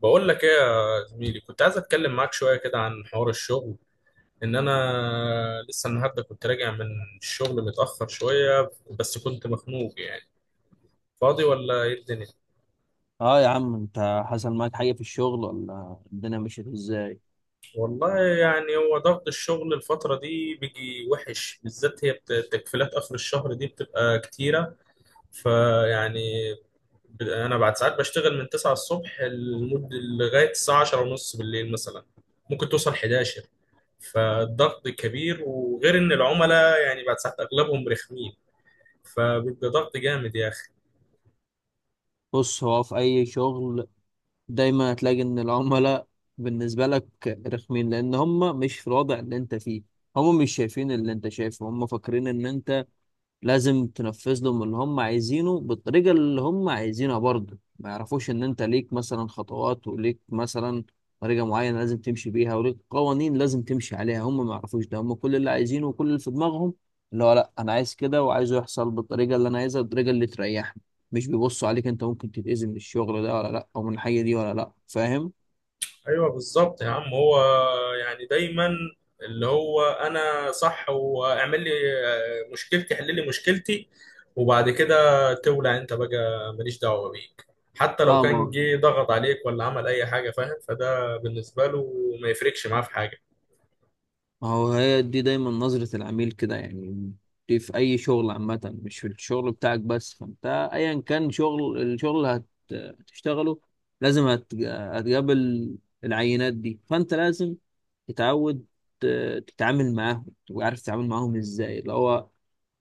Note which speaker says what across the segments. Speaker 1: بقول لك ايه يا زميلي، كنت عايز اتكلم معاك شويه كده عن حوار الشغل. انا لسه النهارده كنت راجع من الشغل متاخر شويه، بس كنت مخنوق يعني. فاضي ولا ايه الدنيا؟
Speaker 2: اه يا عم، انت حصل معاك حاجة في الشغل ولا الدنيا مشيت ازاي؟
Speaker 1: والله يعني هو ضغط الشغل الفتره دي بيجي وحش، بالذات هي تكفيلات اخر الشهر دي بتبقى كتيره. فيعني انا بعد ساعات بشتغل من 9 الصبح لمده لغايه الساعه 10 ونص بالليل مثلا، ممكن توصل 11. فالضغط كبير، وغير ان العملاء يعني بعد ساعات اغلبهم رخمين، فبيبقى ضغط جامد يا اخي.
Speaker 2: بص، هو في اي شغل دايما هتلاقي ان العملاء بالنسبة لك رخمين، لان هم مش في الوضع اللي انت فيه. هم مش شايفين اللي انت شايفه، هم فاكرين ان انت لازم تنفذ لهم اللي هم عايزينه بالطريقة اللي هم عايزينها، برضه ما يعرفوش ان انت ليك مثلا خطوات وليك مثلا طريقة معينة لازم تمشي بيها، وليك قوانين لازم تمشي عليها. هم ما يعرفوش ده، هم كل اللي عايزينه وكل اللي في دماغهم اللي هو لا انا عايز كده، وعايزه يحصل بالطريقة اللي انا عايزها، بالطريقة اللي تريحني. مش بيبصوا عليك انت ممكن تتأذي من الشغل ده ولا لا، او من الحاجة دي ولا لا، فاهم؟
Speaker 1: ايوه بالظبط يا عم، هو يعني دايما اللي هو انا صح، واعمل لي مشكلتي، حل لي مشكلتي، وبعد كده تولع انت بقى، ماليش دعوه بيك. حتى لو
Speaker 2: اه. ما
Speaker 1: كان جه ضغط عليك ولا عمل اي حاجه، فاهم؟ فده بالنسبه له ما يفرقش معاه في حاجه.
Speaker 2: ما هو هي دي دايما نظرة العميل كده يعني. دي في أي شغل عامة، مش في الشغل بتاعك بس. فأنت أيا كان شغل الشغل اللي هتشتغله، لازم هتقابل العينات دي. فأنت لازم تتعود تتعامل معاهم، تبقى عارف تتعامل معاهم إزاي، اللي هو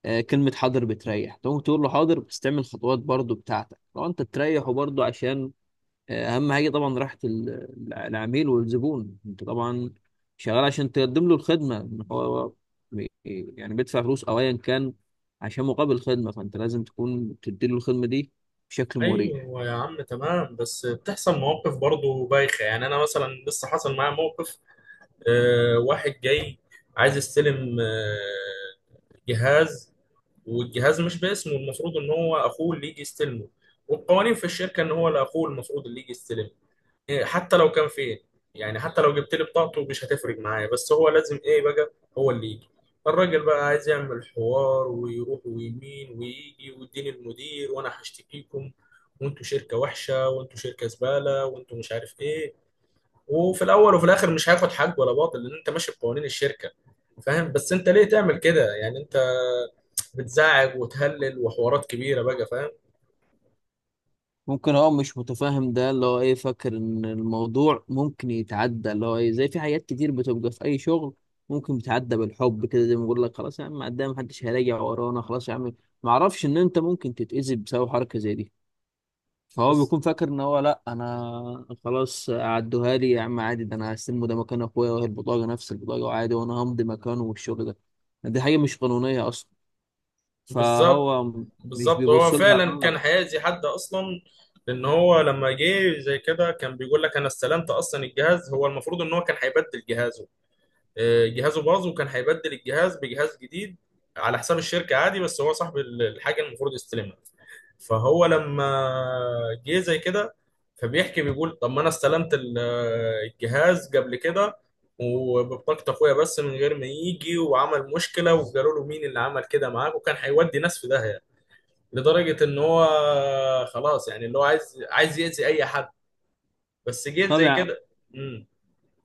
Speaker 2: آه، كلمة حاضر بتريح. تقوم تقول له حاضر، بس تعمل خطوات برضو بتاعتك، لو أنت تريحه برضو. عشان اهم حاجه طبعا راحه العميل والزبون. انت طبعا شغال عشان تقدم له الخدمه، إن هو بي- يعني بيدفع فلوس او ايا كان عشان مقابل الخدمه، فانت لازم تكون تدي له الخدمه دي بشكل مريح.
Speaker 1: ايوه يا عم تمام، بس بتحصل مواقف برضه بايخه. يعني انا مثلا لسه حصل معايا موقف، واحد جاي عايز يستلم جهاز، والجهاز مش باسمه. المفروض ان هو اخوه اللي يجي يستلمه، والقوانين في الشركه ان هو لاخوه المفروض اللي يجي يستلمه. حتى لو كان فين، يعني حتى لو جبت لي بطاقته مش هتفرق معايا، بس هو لازم ايه بقى، هو اللي يجي. الراجل بقى عايز يعمل حوار، ويروح ويمين ويجي ويديني المدير وانا هشتكيكم، وانتوا شركه وحشه، وانتوا شركه زباله، وانتوا مش عارف ايه. وفي الاول وفي الاخر مش هياخد حق ولا باطل، لان انت ماشي بقوانين الشركه، فاهم؟ بس انت ليه تعمل كده يعني؟ انت بتزعج وتهلل وحوارات كبيره بقى، فاهم؟
Speaker 2: ممكن هو مش متفاهم، ده اللي هو ايه، فاكر ان الموضوع ممكن يتعدى اللي هو ايه، زي في حاجات كتير بتبقى في اي شغل ممكن بتعدى بالحب كده، زي ما بقول لك خلاص يا عم قدام محدش هيراجع ورانا، خلاص يا عم. معرفش ان انت ممكن تتأذي بسبب حركه زي دي. فهو
Speaker 1: بس
Speaker 2: بيكون فاكر ان هو لا انا خلاص عدوها لي يا عم عادي، ده انا هستلمه، ده مكان اخويا، وهي البطاقه نفس البطاقه وعادي، وانا همضي مكانه، والشغل ده. دي حاجه مش قانونيه اصلا،
Speaker 1: بالظبط.
Speaker 2: فهو مش
Speaker 1: بالظبط، هو
Speaker 2: بيبص لها.
Speaker 1: فعلا كان
Speaker 2: اه.
Speaker 1: هيأذي حد اصلا. لان هو لما جه زي كده كان بيقول لك انا استلمت اصلا الجهاز. هو المفروض ان هو كان هيبدل الجهاز، جهازه باظ وكان هيبدل الجهاز بجهاز جديد على حساب الشركه عادي، بس هو صاحب الحاجه المفروض يستلمها. فهو لما جه زي كده فبيحكي، بيقول طب ما انا استلمت الجهاز قبل كده وببطاقة اخويا، بس من غير ما يجي وعمل مشكلة وقالوا له مين اللي عمل كده معاك، وكان هيودي ناس في داهية، لدرجة ان هو خلاص يعني اللي هو عايز يأذي اي حد، بس جيت
Speaker 2: طب
Speaker 1: زي
Speaker 2: يع-
Speaker 1: كده. امم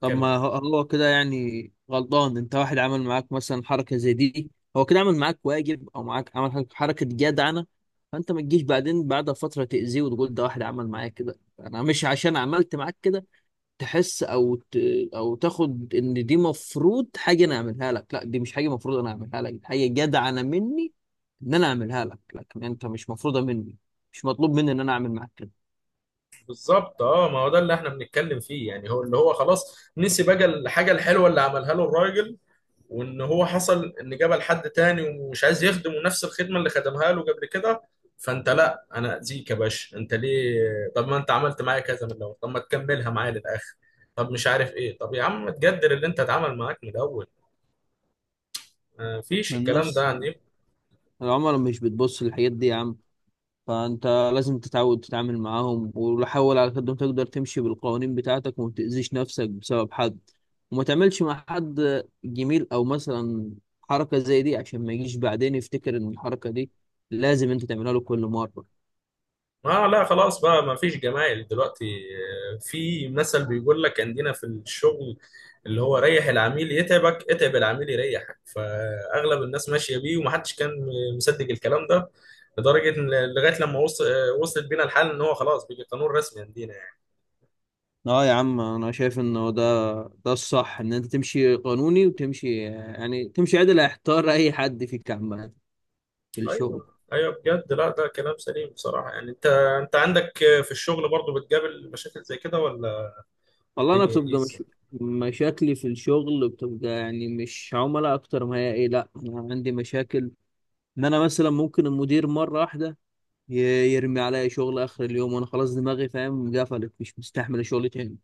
Speaker 2: طب
Speaker 1: اتكلم.
Speaker 2: ما هو، هو كده يعني غلطان؟ انت واحد عمل معاك مثلا حركه زي دي، هو كده عمل معاك واجب او معاك عمل حركه حركة جدعنه. فانت ما تجيش بعدين بعد فتره تاذيه وتقول ده واحد عمل معايا كده. انا مش عشان عملت معاك كده تحس او ت... او تاخد ان دي مفروض حاجه انا اعملها لك. لا، دي مش حاجه مفروض انا اعملها لك، دي حاجه جدعه انا مني ان انا اعملها لك. لكن انت مش مفروضه مني، مش مطلوب مني ان انا اعمل معاك كده.
Speaker 1: بالظبط. اه ما هو ده اللي احنا بنتكلم فيه يعني. هو اللي هو خلاص نسي بقى الحاجه الحلوه اللي عملها له الراجل، وان هو حصل ان جابها لحد تاني ومش عايز يخدمه نفس الخدمه اللي خدمها له قبل كده. فانت لا انا اذيك يا باشا، انت ليه؟ طب ما انت عملت معايا كذا من الاول، طب ما تكملها معايا للاخر. طب مش عارف ايه، طب يا عم تقدر اللي انت اتعمل معاك من الاول، ما فيش
Speaker 2: من
Speaker 1: الكلام ده
Speaker 2: بس
Speaker 1: يعني.
Speaker 2: العملاء مش بتبص للحاجات دي يا عم. فانت لازم تتعود تتعامل معاهم، وحاول على قد ما تقدر تمشي بالقوانين بتاعتك، وما تأذيش نفسك بسبب حد، وما تعملش مع حد جميل او مثلا حركه زي دي، عشان ما يجيش بعدين يفتكر ان الحركه دي لازم انت تعملها له كل مره.
Speaker 1: اه لا خلاص بقى، ما فيش جمايل دلوقتي. في مثل بيقول لك عندنا في الشغل، اللي هو ريح العميل يتعبك، اتعب العميل يريحك. فاغلب الناس ماشيه بيه، ومحدش كان مصدق الكلام ده، لدرجه ان لغايه لما وصل، وصلت بينا الحال ان هو خلاص بقى قانون رسمي عندنا يعني.
Speaker 2: اه يا عم، انا شايف انه ده ده الصح. ان انت تمشي قانوني وتمشي يعني تمشي عدل، هيحتار اي حد فيك عامة في الشغل.
Speaker 1: ايوه ايوه بجد، لا ده كلام سليم بصراحه. يعني انت، انت عندك في الشغل برضو بتقابل مشاكل زي كده ولا
Speaker 2: والله انا
Speaker 1: الدنيا
Speaker 2: بتبقى
Speaker 1: ايزي؟
Speaker 2: مش... مشاكلي في الشغل بتبقى يعني مش عملاء اكتر ما هي ايه. لا انا عندي مشاكل ان انا مثلا ممكن المدير مرة واحدة يرمي عليا شغل اخر اليوم، وانا خلاص دماغي، فاهم، قفلت، مش مستحمل الشغل تاني.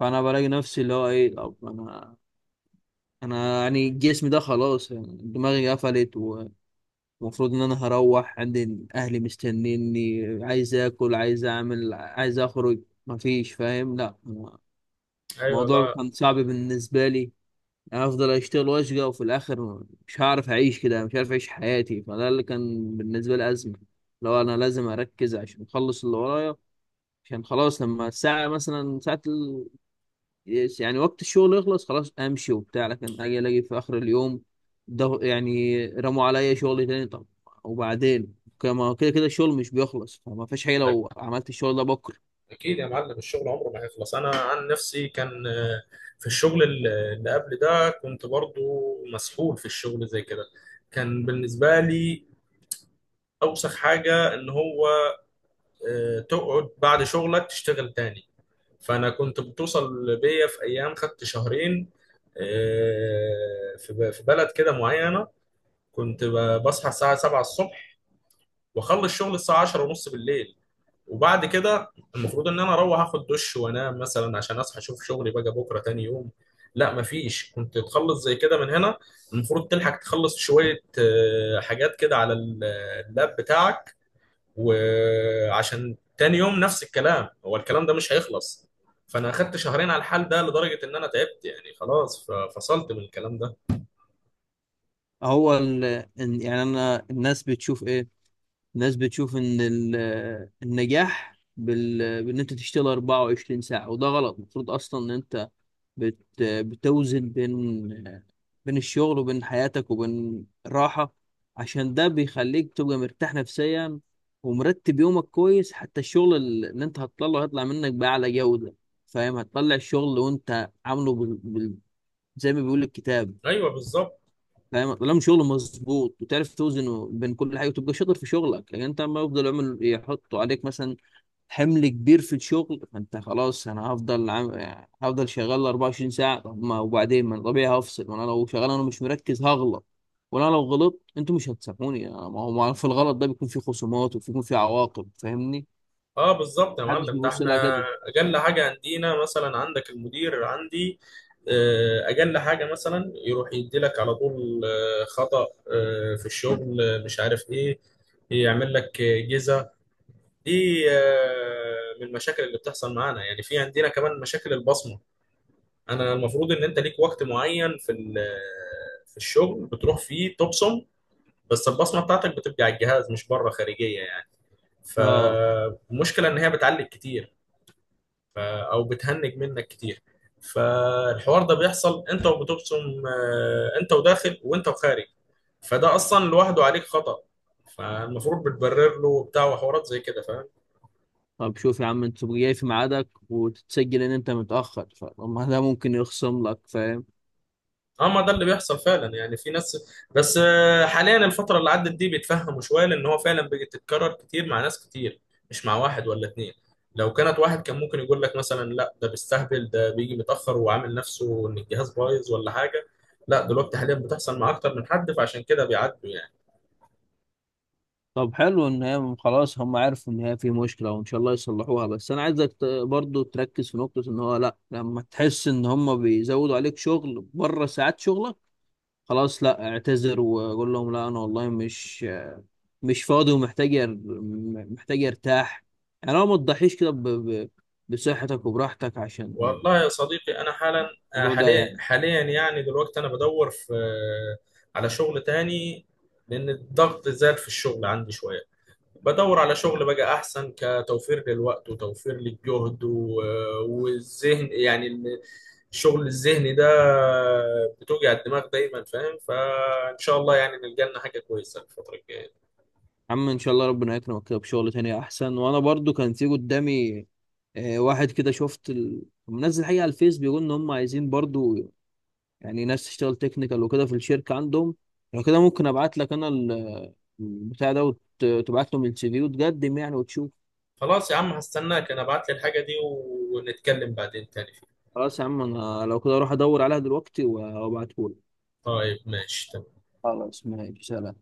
Speaker 2: فانا بلاقي نفسي اللي هو ايه، طب انا انا يعني جسمي ده خلاص، يعني دماغي قفلت. المفروض ان انا هروح عندي اهلي مستنيني، عايز اكل، عايز اعمل، عايز اخرج، مفيش، فاهم؟ لا،
Speaker 1: ايوه
Speaker 2: الموضوع
Speaker 1: لا،
Speaker 2: كان صعب بالنسبه لي. انا افضل اشتغل واشقى وفي الاخر مش هعرف اعيش كده، مش عارف اعيش حياتي. فده اللي كان بالنسبه لي ازمه. لو انا لازم اركز عشان اخلص اللي ورايا، عشان خلاص لما الساعه مثلا ساعه يس يعني وقت الشغل يخلص خلاص امشي وبتاع، لكن اجي الاقي في اخر اليوم ده يعني رموا عليا شغل تاني. طب وبعدين، كما كده كده الشغل مش بيخلص، فما فيش حاجه لو عملت الشغل ده بكره.
Speaker 1: اكيد يا معلم الشغل عمره ما هيخلص. انا عن نفسي كان في الشغل اللي قبل ده كنت برضو مسحول في الشغل زي كده. كان بالنسبه لي اوسخ حاجه ان هو تقعد بعد شغلك تشتغل تاني. فانا كنت بتوصل بيا في ايام، خدت شهرين في في بلد كده معينه، كنت بصحى الساعه 7 الصبح واخلص شغل الساعه 10 ونص بالليل، وبعد كده المفروض ان انا اروح اخد دش وانام مثلا عشان اصحى اشوف شغلي بقى بكره تاني يوم. لا مفيش، كنت تخلص زي كده من هنا، المفروض تلحق تخلص شويه حاجات كده على اللاب بتاعك، وعشان تاني يوم نفس الكلام. هو الكلام ده مش هيخلص. فانا اخدت شهرين على الحال ده، لدرجه ان انا تعبت يعني خلاص، فصلت من الكلام ده.
Speaker 2: يعني انا الناس بتشوف ايه؟ الناس بتشوف ان النجاح بان انت تشتغل 24 ساعه، وده غلط. المفروض اصلا ان انت بتوزن بين بين الشغل وبين حياتك وبين راحة. عشان ده بيخليك تبقى مرتاح نفسيا، ومرتب يومك كويس. حتى الشغل اللي انت هتطلعه هيطلع منك بأعلى جودة، فاهم؟ هتطلع الشغل وانت عامله زي ما بيقول الكتاب،
Speaker 1: ايوه بالظبط.
Speaker 2: فاهم؟ طالما شغل مظبوط وتعرف توزنه بين كل حاجة وتبقى شاطر في شغلك. لكن انت ما يفضل يعمل يحطوا عليك مثلا حمل كبير في الشغل، فانت خلاص انا يعني هفضل شغال 24 ساعه، طب ما وبعدين ما أنا طبيعي هفصل. ما انا لو شغال انا مش مركز هغلط، وانا لو غلطت انتوا مش هتسامحوني. ما هو ما في، الغلط ده بيكون في خصومات وبيكون في عواقب، فاهمني؟
Speaker 1: اه بالظبط يا
Speaker 2: محدش
Speaker 1: معلم، ده
Speaker 2: بيبص لها
Speaker 1: احنا
Speaker 2: كده.
Speaker 1: اجل حاجه عندنا، مثلا عندك المدير، عندي اجل حاجه مثلا يروح يديلك على طول خطأ في الشغل مش عارف ايه، يعمل لك جزا. دي من المشاكل اللي بتحصل معانا يعني. في عندنا كمان مشاكل البصمه، انا المفروض ان انت ليك وقت معين في في الشغل بتروح فيه تبصم، بس البصمه بتاعتك بتبقى على الجهاز مش بره خارجيه يعني.
Speaker 2: اه.
Speaker 1: فالمشكله ان هي بتعلق كتير، ف- او بتهنج منك كتير. فالحوار ده بيحصل انت وبتبصم، انت وداخل وانت وخارج، فده اصلا لوحده عليك خطأ. فالمفروض بتبرر له وبتاع، وحوارات زي كده، فاهم؟
Speaker 2: طب شوف يا عم، انت تبقى جاي في ميعادك وتتسجل ان انت متاخر، فطب ما ده ممكن يخصم لك، فاهم؟
Speaker 1: اه ما ده اللي بيحصل فعلا يعني. في ناس، بس حاليا الفترة اللي عدت دي بيتفهموا شوية، لأن هو فعلا بتتكرر كتير مع ناس كتير، مش مع واحد ولا اتنين. لو كانت واحد كان ممكن يقول لك مثلا لا ده بيستهبل، ده بيجي متأخر وعامل نفسه إن الجهاز بايظ ولا حاجة. لا دلوقتي حاليا بتحصل مع أكتر من حد، فعشان كده بيعدوا يعني.
Speaker 2: طب حلو ان هي خلاص هم عرفوا ان هي في مشكله، وان شاء الله يصلحوها. بس انا عايزك برضو تركز في نقطه ان هو لا، لما تحس ان هم بيزودوا عليك شغل بره ساعات شغلك، خلاص لا، اعتذر وقول لهم لا انا والله مش فاضي ومحتاج محتاج ارتاح. يعني لو ما تضحيش كده بصحتك وبراحتك، عشان
Speaker 1: والله يا صديقي أنا حالا،
Speaker 2: الموضوع ده
Speaker 1: حاليا
Speaker 2: يعني.
Speaker 1: حاليا يعني دلوقتي، أنا بدور في على شغل تاني، لأن الضغط زاد في الشغل عندي شوية. بدور على شغل بقى احسن، كتوفير للوقت وتوفير للجهد والذهن يعني، الشغل الذهني ده بتوجع الدماغ دايما، فاهم؟ فان شاء الله يعني نلقى لنا حاجه كويسه الفتره الجايه.
Speaker 2: عم، ان شاء الله ربنا يكرمك كده بشغل تاني احسن. وانا برضو كان في قدامي آه، واحد كده شفت منزل حقيقة على الفيس، بيقول ان هم عايزين برضو يعني ناس تشتغل تكنيكال وكده في الشركة عندهم. لو كده ممكن ابعت لك انا البتاع ده، وتبعت لهم السي في وتقدم يعني وتشوف.
Speaker 1: خلاص يا عم هستناك، انا ابعت لي الحاجه دي ونتكلم بعدين تاني فيها.
Speaker 2: خلاص يا عم، انا لو كده اروح ادور عليها دلوقتي وابعته لك.
Speaker 1: طيب ماشي.
Speaker 2: خلاص ماشي، سلام.